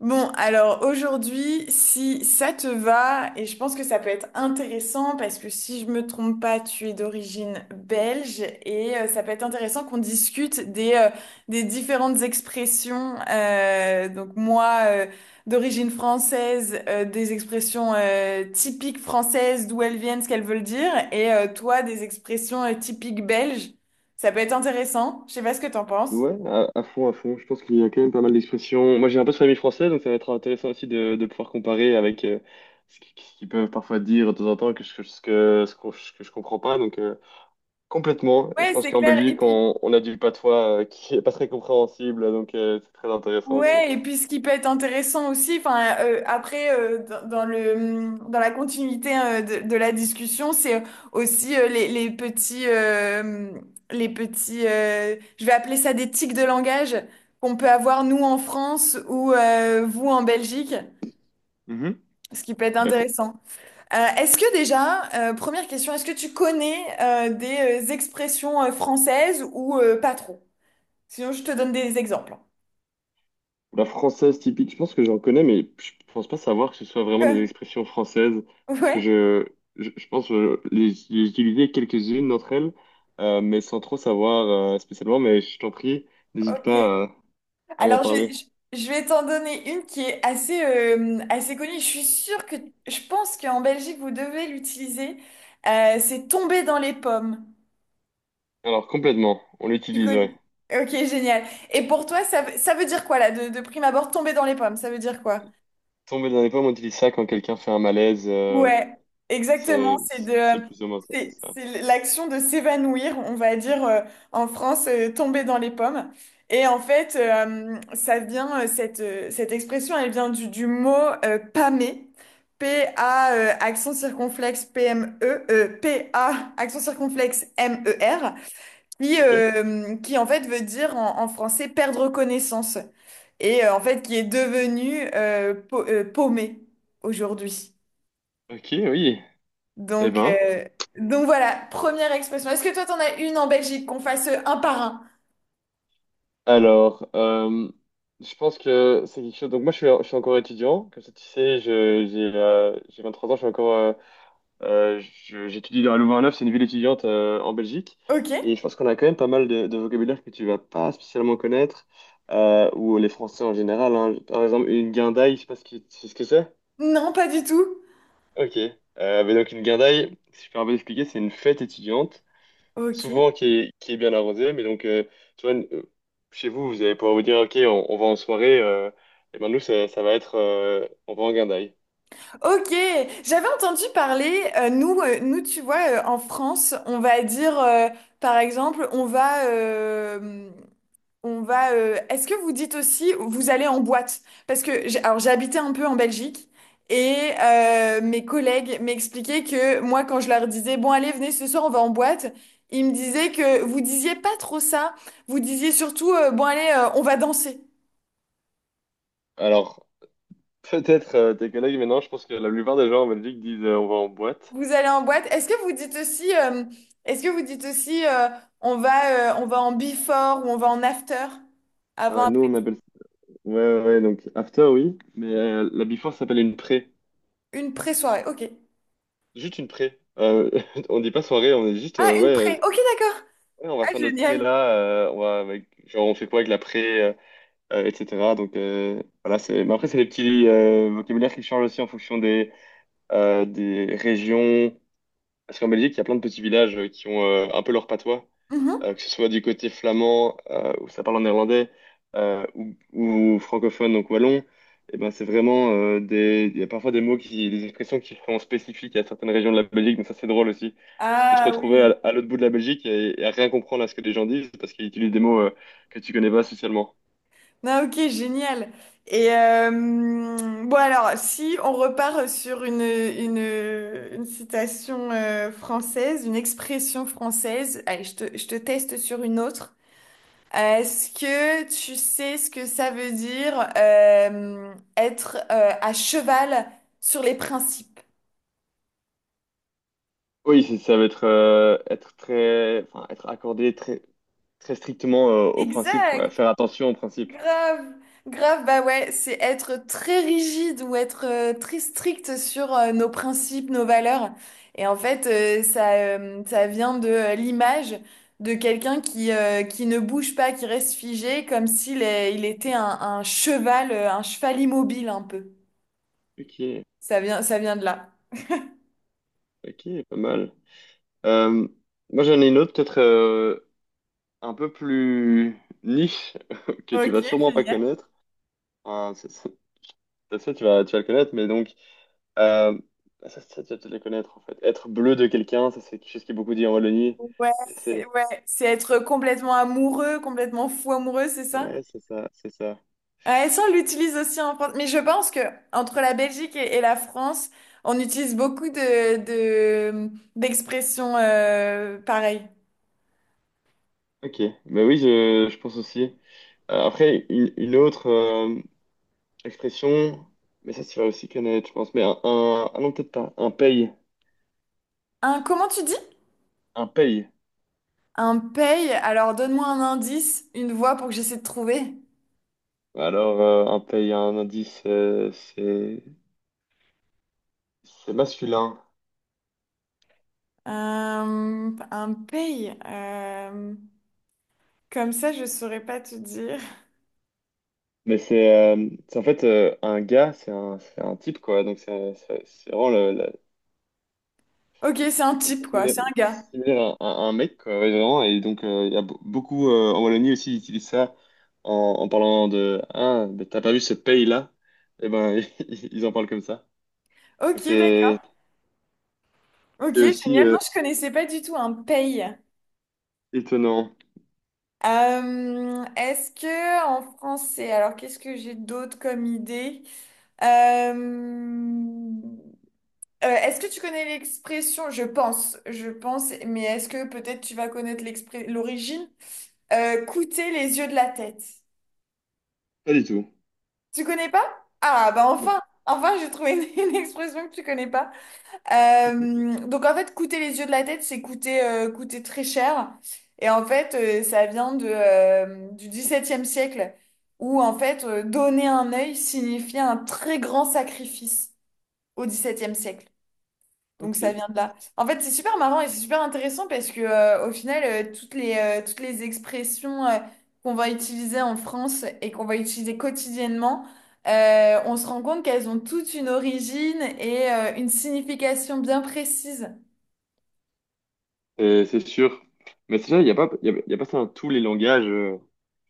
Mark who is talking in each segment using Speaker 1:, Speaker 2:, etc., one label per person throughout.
Speaker 1: Bon, alors aujourd'hui, si ça te va, et je pense que ça peut être intéressant parce que si je me trompe pas, tu es d'origine belge et ça peut être intéressant qu'on discute des différentes expressions. Donc moi, d'origine française, des expressions typiques françaises, d'où elles viennent, ce qu'elles veulent dire, et toi, des expressions typiques belges. Ça peut être intéressant. Je sais pas ce que t'en penses.
Speaker 2: Ouais, à fond, à fond. Je pense qu'il y a quand même pas mal d'expressions. Moi, j'ai un peu de famille française, donc ça va être intéressant aussi de pouvoir comparer avec ce qu'ils peuvent parfois dire de temps en temps, que je, ce que, ce qu'on- ce que je comprends pas. Donc, complètement. Et je
Speaker 1: Ouais,
Speaker 2: pense
Speaker 1: c'est
Speaker 2: qu'en
Speaker 1: clair.
Speaker 2: Belgique, on a du patois qui est pas très compréhensible, donc c'est très intéressant aussi.
Speaker 1: Ouais, et puis ce qui peut être intéressant aussi, après dans, dans le dans la continuité de la discussion, c'est aussi les petits je vais appeler ça des tics de langage qu'on peut avoir nous en France ou vous en Belgique,
Speaker 2: Mhm.
Speaker 1: ce qui peut être
Speaker 2: Bah,
Speaker 1: intéressant. Est-ce que déjà, première question, est-ce que tu connais des expressions françaises ou pas trop? Sinon, je te donne des exemples.
Speaker 2: la française typique, je pense que j'en connais, mais je pense pas savoir que ce soit vraiment des expressions françaises, parce que
Speaker 1: Ouais,
Speaker 2: je pense que les j'ai utilisé quelques-unes d'entre elles, mais sans trop savoir spécialement, mais je t'en prie, n'hésite
Speaker 1: ok.
Speaker 2: pas à m'en
Speaker 1: Alors,
Speaker 2: parler.
Speaker 1: je vais t'en donner une qui est assez, assez connue. Je suis sûre que Je pense qu'en Belgique, vous devez l'utiliser. C'est tomber dans les pommes.
Speaker 2: Alors complètement, on
Speaker 1: Tu
Speaker 2: l'utilise,
Speaker 1: connais?
Speaker 2: ouais.
Speaker 1: Ok, génial. Et pour toi, ça veut dire quoi là, de prime abord, tomber dans les pommes, ça veut dire quoi?
Speaker 2: Tomber dans les pommes, on utilise ça quand quelqu'un fait un malaise,
Speaker 1: Ouais, exactement.
Speaker 2: c'est c'est plus ou moins ça, c'est ça.
Speaker 1: C'est l'action de s'évanouir, on va dire en France, tomber dans les pommes. Et en fait, ça vient, cette expression, elle vient du mot pâmer, P-A, accent circonflexe P-M-E, P-A, accent circonflexe M-E-R,
Speaker 2: Ok?
Speaker 1: qui en fait veut dire en, en français perdre connaissance. Et en fait, qui est devenu paumé aujourd'hui.
Speaker 2: Ok, oui. Eh
Speaker 1: Donc,
Speaker 2: ben.
Speaker 1: euh, donc voilà, première expression. Est-ce que toi, t'en as une en Belgique qu'on fasse un par un?
Speaker 2: Alors, je pense que c'est quelque chose. Donc, moi, je suis encore étudiant. Comme ça, tu sais, je, j'ai 23 ans, je suis encore. Je- j'étudie dans à Louvain-la-Neuve, c'est une ville étudiante en Belgique. Et
Speaker 1: Ok.
Speaker 2: je pense qu'on a quand même pas mal de vocabulaire que tu vas pas spécialement connaître, ou les Français en général, hein. Par exemple, une guindaille, je sais pas c'est ce que c'est.
Speaker 1: Non, pas du tout.
Speaker 2: Ok. Mais donc, une guindaille, si je peux un peu expliquer, c'est une fête étudiante
Speaker 1: Ok.
Speaker 2: souvent qui est bien arrosé. Mais donc, tu vois, chez vous, vous allez pouvoir vous dire, OK, on va en soirée. Et ben nous, ça va être, on va en guindaille.
Speaker 1: Ok. J'avais entendu parler, nous, tu vois, en France, on va dire, par exemple, On va. Est-ce que vous dites aussi, vous allez en boîte? Parce que j'ai, alors j'ai habité un peu en Belgique et mes collègues m'expliquaient que moi, quand je leur disais, bon, allez, venez ce soir, on va en boîte, ils me disaient que vous disiez pas trop ça. Vous disiez surtout, bon, allez, on va danser.
Speaker 2: Alors, peut-être tes collègues, mais non, je pense que la plupart des gens en Belgique disent, on va en boîte.
Speaker 1: Vous allez en boîte. Est-ce que vous dites aussi, on va en before ou on va en after?
Speaker 2: Ah
Speaker 1: Avant,
Speaker 2: ouais, nous,
Speaker 1: après,
Speaker 2: on appelle ça. Ouais, ouais, ouais, donc after, oui. Mais la before s'appelle une pré.
Speaker 1: une pré-soirée. Ok.
Speaker 2: Juste une pré. On dit pas soirée, on est juste,
Speaker 1: Ah,
Speaker 2: ouais,
Speaker 1: une pré. Ok, d'accord.
Speaker 2: ouais, on va
Speaker 1: Ah,
Speaker 2: faire notre pré
Speaker 1: génial.
Speaker 2: là. On va genre, on fait quoi avec la pré? Etc. Donc voilà, c'est. Mais après, c'est des petits vocabulaires qui changent aussi en fonction des régions. Parce qu'en Belgique, il y a plein de petits villages qui ont un peu leur patois,
Speaker 1: Mhm.
Speaker 2: que ce soit du côté flamand, où ça parle en néerlandais, ou francophone, donc wallon. Et ben, c'est vraiment, des. Il y a parfois des expressions qui sont spécifiques à certaines régions de la Belgique, donc ça, c'est drôle aussi. Tu peux te
Speaker 1: Ah
Speaker 2: retrouver
Speaker 1: oui.
Speaker 2: à l'autre bout de la Belgique et à rien comprendre à ce que les gens disent parce qu'ils utilisent des mots que tu connais pas socialement.
Speaker 1: Ah, ok, génial. Et bon alors, si on repart sur une citation française, une expression française, allez, je te teste sur une autre. Est-ce que tu sais ce que ça veut dire être à cheval sur les principes?
Speaker 2: Oui, ça va être, être très, enfin, être accordé très, très strictement au principe, quoi.
Speaker 1: Exact.
Speaker 2: Faire attention au principe.
Speaker 1: Grave, grave, bah ouais, c'est être très rigide ou être très strict sur nos principes, nos valeurs. Et en fait, ça vient de l'image de quelqu'un qui ne bouge pas, qui reste figé, comme il était un cheval immobile un peu.
Speaker 2: Ok,
Speaker 1: Ça vient de là.
Speaker 2: ok, pas mal. Euh, moi, j'en ai une autre, peut-être un peu plus niche, que tu
Speaker 1: Ok,
Speaker 2: vas sûrement pas
Speaker 1: génial.
Speaker 2: connaître. Enfin, c'est sûr, tu vas le connaître, mais donc, euh, bah, tu vas te les connaître, en fait. Être bleu de quelqu'un, ça, c'est quelque chose qui est beaucoup dit en Wallonie.
Speaker 1: Ouais,
Speaker 2: Ça, C'est,
Speaker 1: ouais, c'est être complètement amoureux, complètement fou amoureux, c'est ça?
Speaker 2: ouais, c'est ça, c'est ça.
Speaker 1: Ouais, ça, on l'utilise aussi en France. Mais je pense que entre la Belgique et la France, on utilise beaucoup de, d'expressions pareilles.
Speaker 2: Ok, bah oui, je pense aussi. Après, une autre expression, mais ça, tu vas aussi connaître, je pense, mais ah non, peut-être pas, un paye,
Speaker 1: Un, comment tu dis?
Speaker 2: un paye.
Speaker 1: Un paye. Alors, donne-moi un indice, une voix pour que j'essaie de trouver.
Speaker 2: Alors, un paye, un indice, c'est masculin,
Speaker 1: Euh, un paye. Comme ça, je saurais pas te dire.
Speaker 2: mais c'est en fait un gars, c'est un type, quoi, donc
Speaker 1: Ok, c'est un type, quoi.
Speaker 2: similaire,
Speaker 1: C'est un gars.
Speaker 2: similaire à un mec, quoi, ouais, vraiment. Et donc, il y a beaucoup en Wallonie aussi, ils utilisent ça en, en parlant de Ah, mais t'as pas vu ce pays-là? Et ben, ils en parlent comme ça. Donc,
Speaker 1: Ok, d'accord.
Speaker 2: c'est
Speaker 1: Ok,
Speaker 2: c'est aussi
Speaker 1: génial. Non, je connaissais pas du tout un paye.
Speaker 2: étonnant.
Speaker 1: Est-ce que en français, alors qu'est-ce que j'ai d'autre comme idée? Euh, est-ce que tu connais l'expression? Je pense, mais est-ce que peut-être tu vas connaître l'origine? Coûter les yeux de la tête.
Speaker 2: Pas du tout.
Speaker 1: Tu connais pas? Ah bah
Speaker 2: Non.
Speaker 1: enfin, enfin j'ai trouvé une une expression que tu connais pas. Donc en fait, coûter les yeux de la tête, c'est coûter, coûter très cher. Et en fait, ça vient de, du XVIIe siècle, où en fait, donner un œil signifiait un très grand sacrifice au XVIIe siècle. Donc
Speaker 2: Ok.
Speaker 1: ça vient de là. En fait, c'est super marrant et c'est super intéressant parce que au final, toutes les expressions qu'on va utiliser en France et qu'on va utiliser quotidiennement, on se rend compte qu'elles ont toutes une origine et une signification bien précise.
Speaker 2: C'est sûr. Mais c'est vrai, il n'y a pas, il y a pas ça dans tous les langages.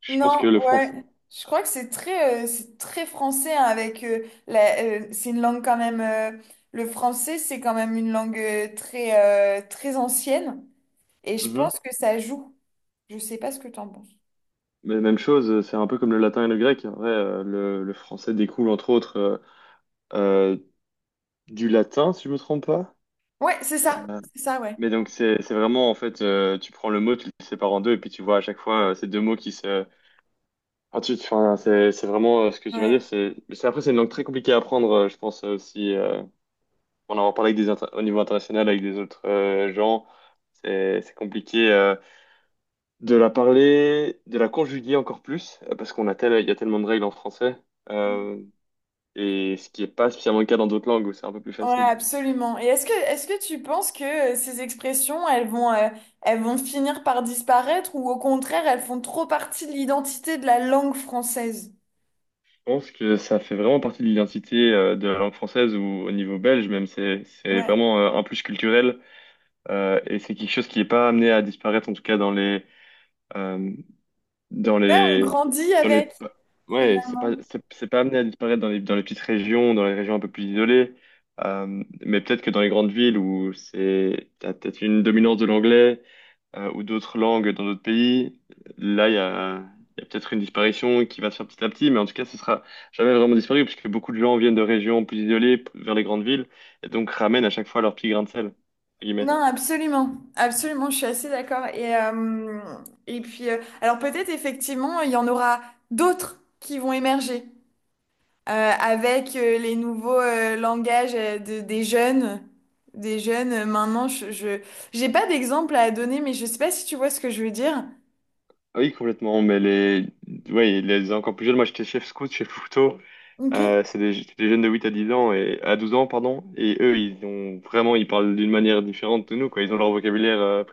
Speaker 2: Je pense que
Speaker 1: Non,
Speaker 2: le
Speaker 1: ouais.
Speaker 2: français.
Speaker 1: Je crois que c'est très français hein, avec c'est une langue quand même. Le français, c'est quand même une langue très ancienne et je
Speaker 2: Mhm.
Speaker 1: pense que ça joue. Je sais pas ce que t'en penses.
Speaker 2: Mais même chose, c'est un peu comme le latin et le grec. En vrai, le français découle entre autres euh, du latin, si je me trompe pas.
Speaker 1: Ouais,
Speaker 2: Euh,
Speaker 1: c'est ça, ouais.
Speaker 2: Mais donc c'est vraiment en fait tu prends le mot, tu le sépares en deux et puis tu vois à chaque fois ces deux mots qui se enfin, c'est vraiment ce que tu viens
Speaker 1: Ouais.
Speaker 2: dire après c'est une langue très compliquée à apprendre, je pense, aussi, pour en avoir parlé avec des au niveau international avec des autres gens, c'est compliqué, de la parler, de la conjuguer encore plus, parce qu'on a tel il y a tellement de règles en français,
Speaker 1: Mm.
Speaker 2: euh, et ce qui est pas spécialement le cas dans d'autres langues où c'est un peu plus
Speaker 1: Ouais,
Speaker 2: facile.
Speaker 1: absolument. Et est-ce que tu penses que ces expressions, elles vont finir par disparaître ou au contraire, elles font trop partie de l'identité de la langue française?
Speaker 2: Je pense que ça fait vraiment partie de l'identité de la langue française ou au niveau belge, même c'est
Speaker 1: Ouais.
Speaker 2: vraiment un plus culturel, et c'est quelque chose qui n'est pas amené à disparaître, en tout cas dans les euh, dans
Speaker 1: Ouais, on
Speaker 2: les
Speaker 1: grandit
Speaker 2: dans les
Speaker 1: avec,
Speaker 2: ouais,
Speaker 1: finalement.
Speaker 2: c'est pas amené à disparaître dans les petites régions, dans les régions un peu plus isolées. Mais peut-être que dans les grandes villes où c'est t'as peut-être une dominance de l'anglais, ou d'autres langues dans d'autres pays, là, il y a peut-être une disparition qui va se faire petit à petit, mais en tout cas, ce sera jamais vraiment disparu, puisque beaucoup de gens viennent de régions plus isolées vers les grandes villes, et donc ramènent à chaque fois leur petit grain de sel, entre guillemets.
Speaker 1: Non, absolument. Absolument, je suis assez d'accord. Et, alors peut-être effectivement, il y en aura d'autres qui vont émerger. Euh, avec les nouveaux langages des jeunes maintenant, j'ai pas d'exemple à donner, mais je sais pas si tu vois ce que je veux dire.
Speaker 2: Ah oui, complètement, mais ouais, les encore plus jeunes, moi j'étais chef scout chez Fouto,
Speaker 1: Ok.
Speaker 2: c'est des jeunes de 8 à 10 ans, et à 12 ans, pardon, et eux, ils parlent d'une manière différente de nous, quoi, ils ont leur vocabulaire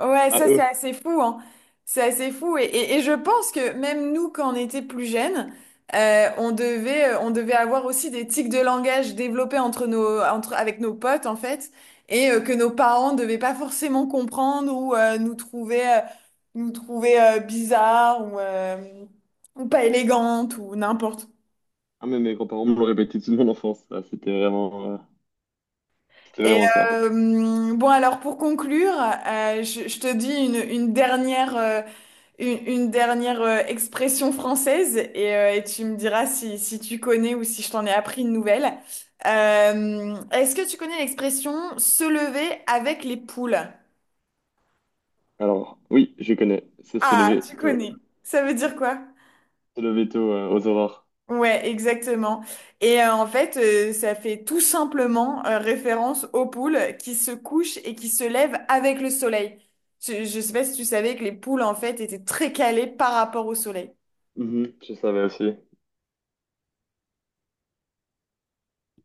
Speaker 1: Ouais,
Speaker 2: à
Speaker 1: ça
Speaker 2: eux.
Speaker 1: c'est assez fou, hein. C'est assez fou. Et, et je pense que même nous, quand on était plus jeunes, on devait avoir aussi des tics de langage développés avec nos potes, en fait, et que nos parents ne devaient pas forcément comprendre ou nous trouver bizarres ou pas élégantes ou n'importe.
Speaker 2: Ah, mais mes grands-parents me l'ont répété toute mon enfance, ça, c'était vraiment, euh, c'était
Speaker 1: Et
Speaker 2: vraiment ça.
Speaker 1: bon, alors pour conclure, je te dis une dernière. Une dernière expression française et tu me diras si, si tu connais ou si je t'en ai appris une nouvelle. Est-ce que tu connais l'expression se lever avec les poules?
Speaker 2: Alors, oui, je connais. C'est
Speaker 1: Ah, tu connais. Ça veut dire quoi?
Speaker 2: se lever tôt aux aurores.
Speaker 1: Ouais, exactement. Et en fait, ça fait tout simplement référence aux poules qui se couchent et qui se lèvent avec le soleil. Je sais pas si tu savais que les poules, en fait, étaient très calées par rapport au soleil.
Speaker 2: Mhm, je savais aussi.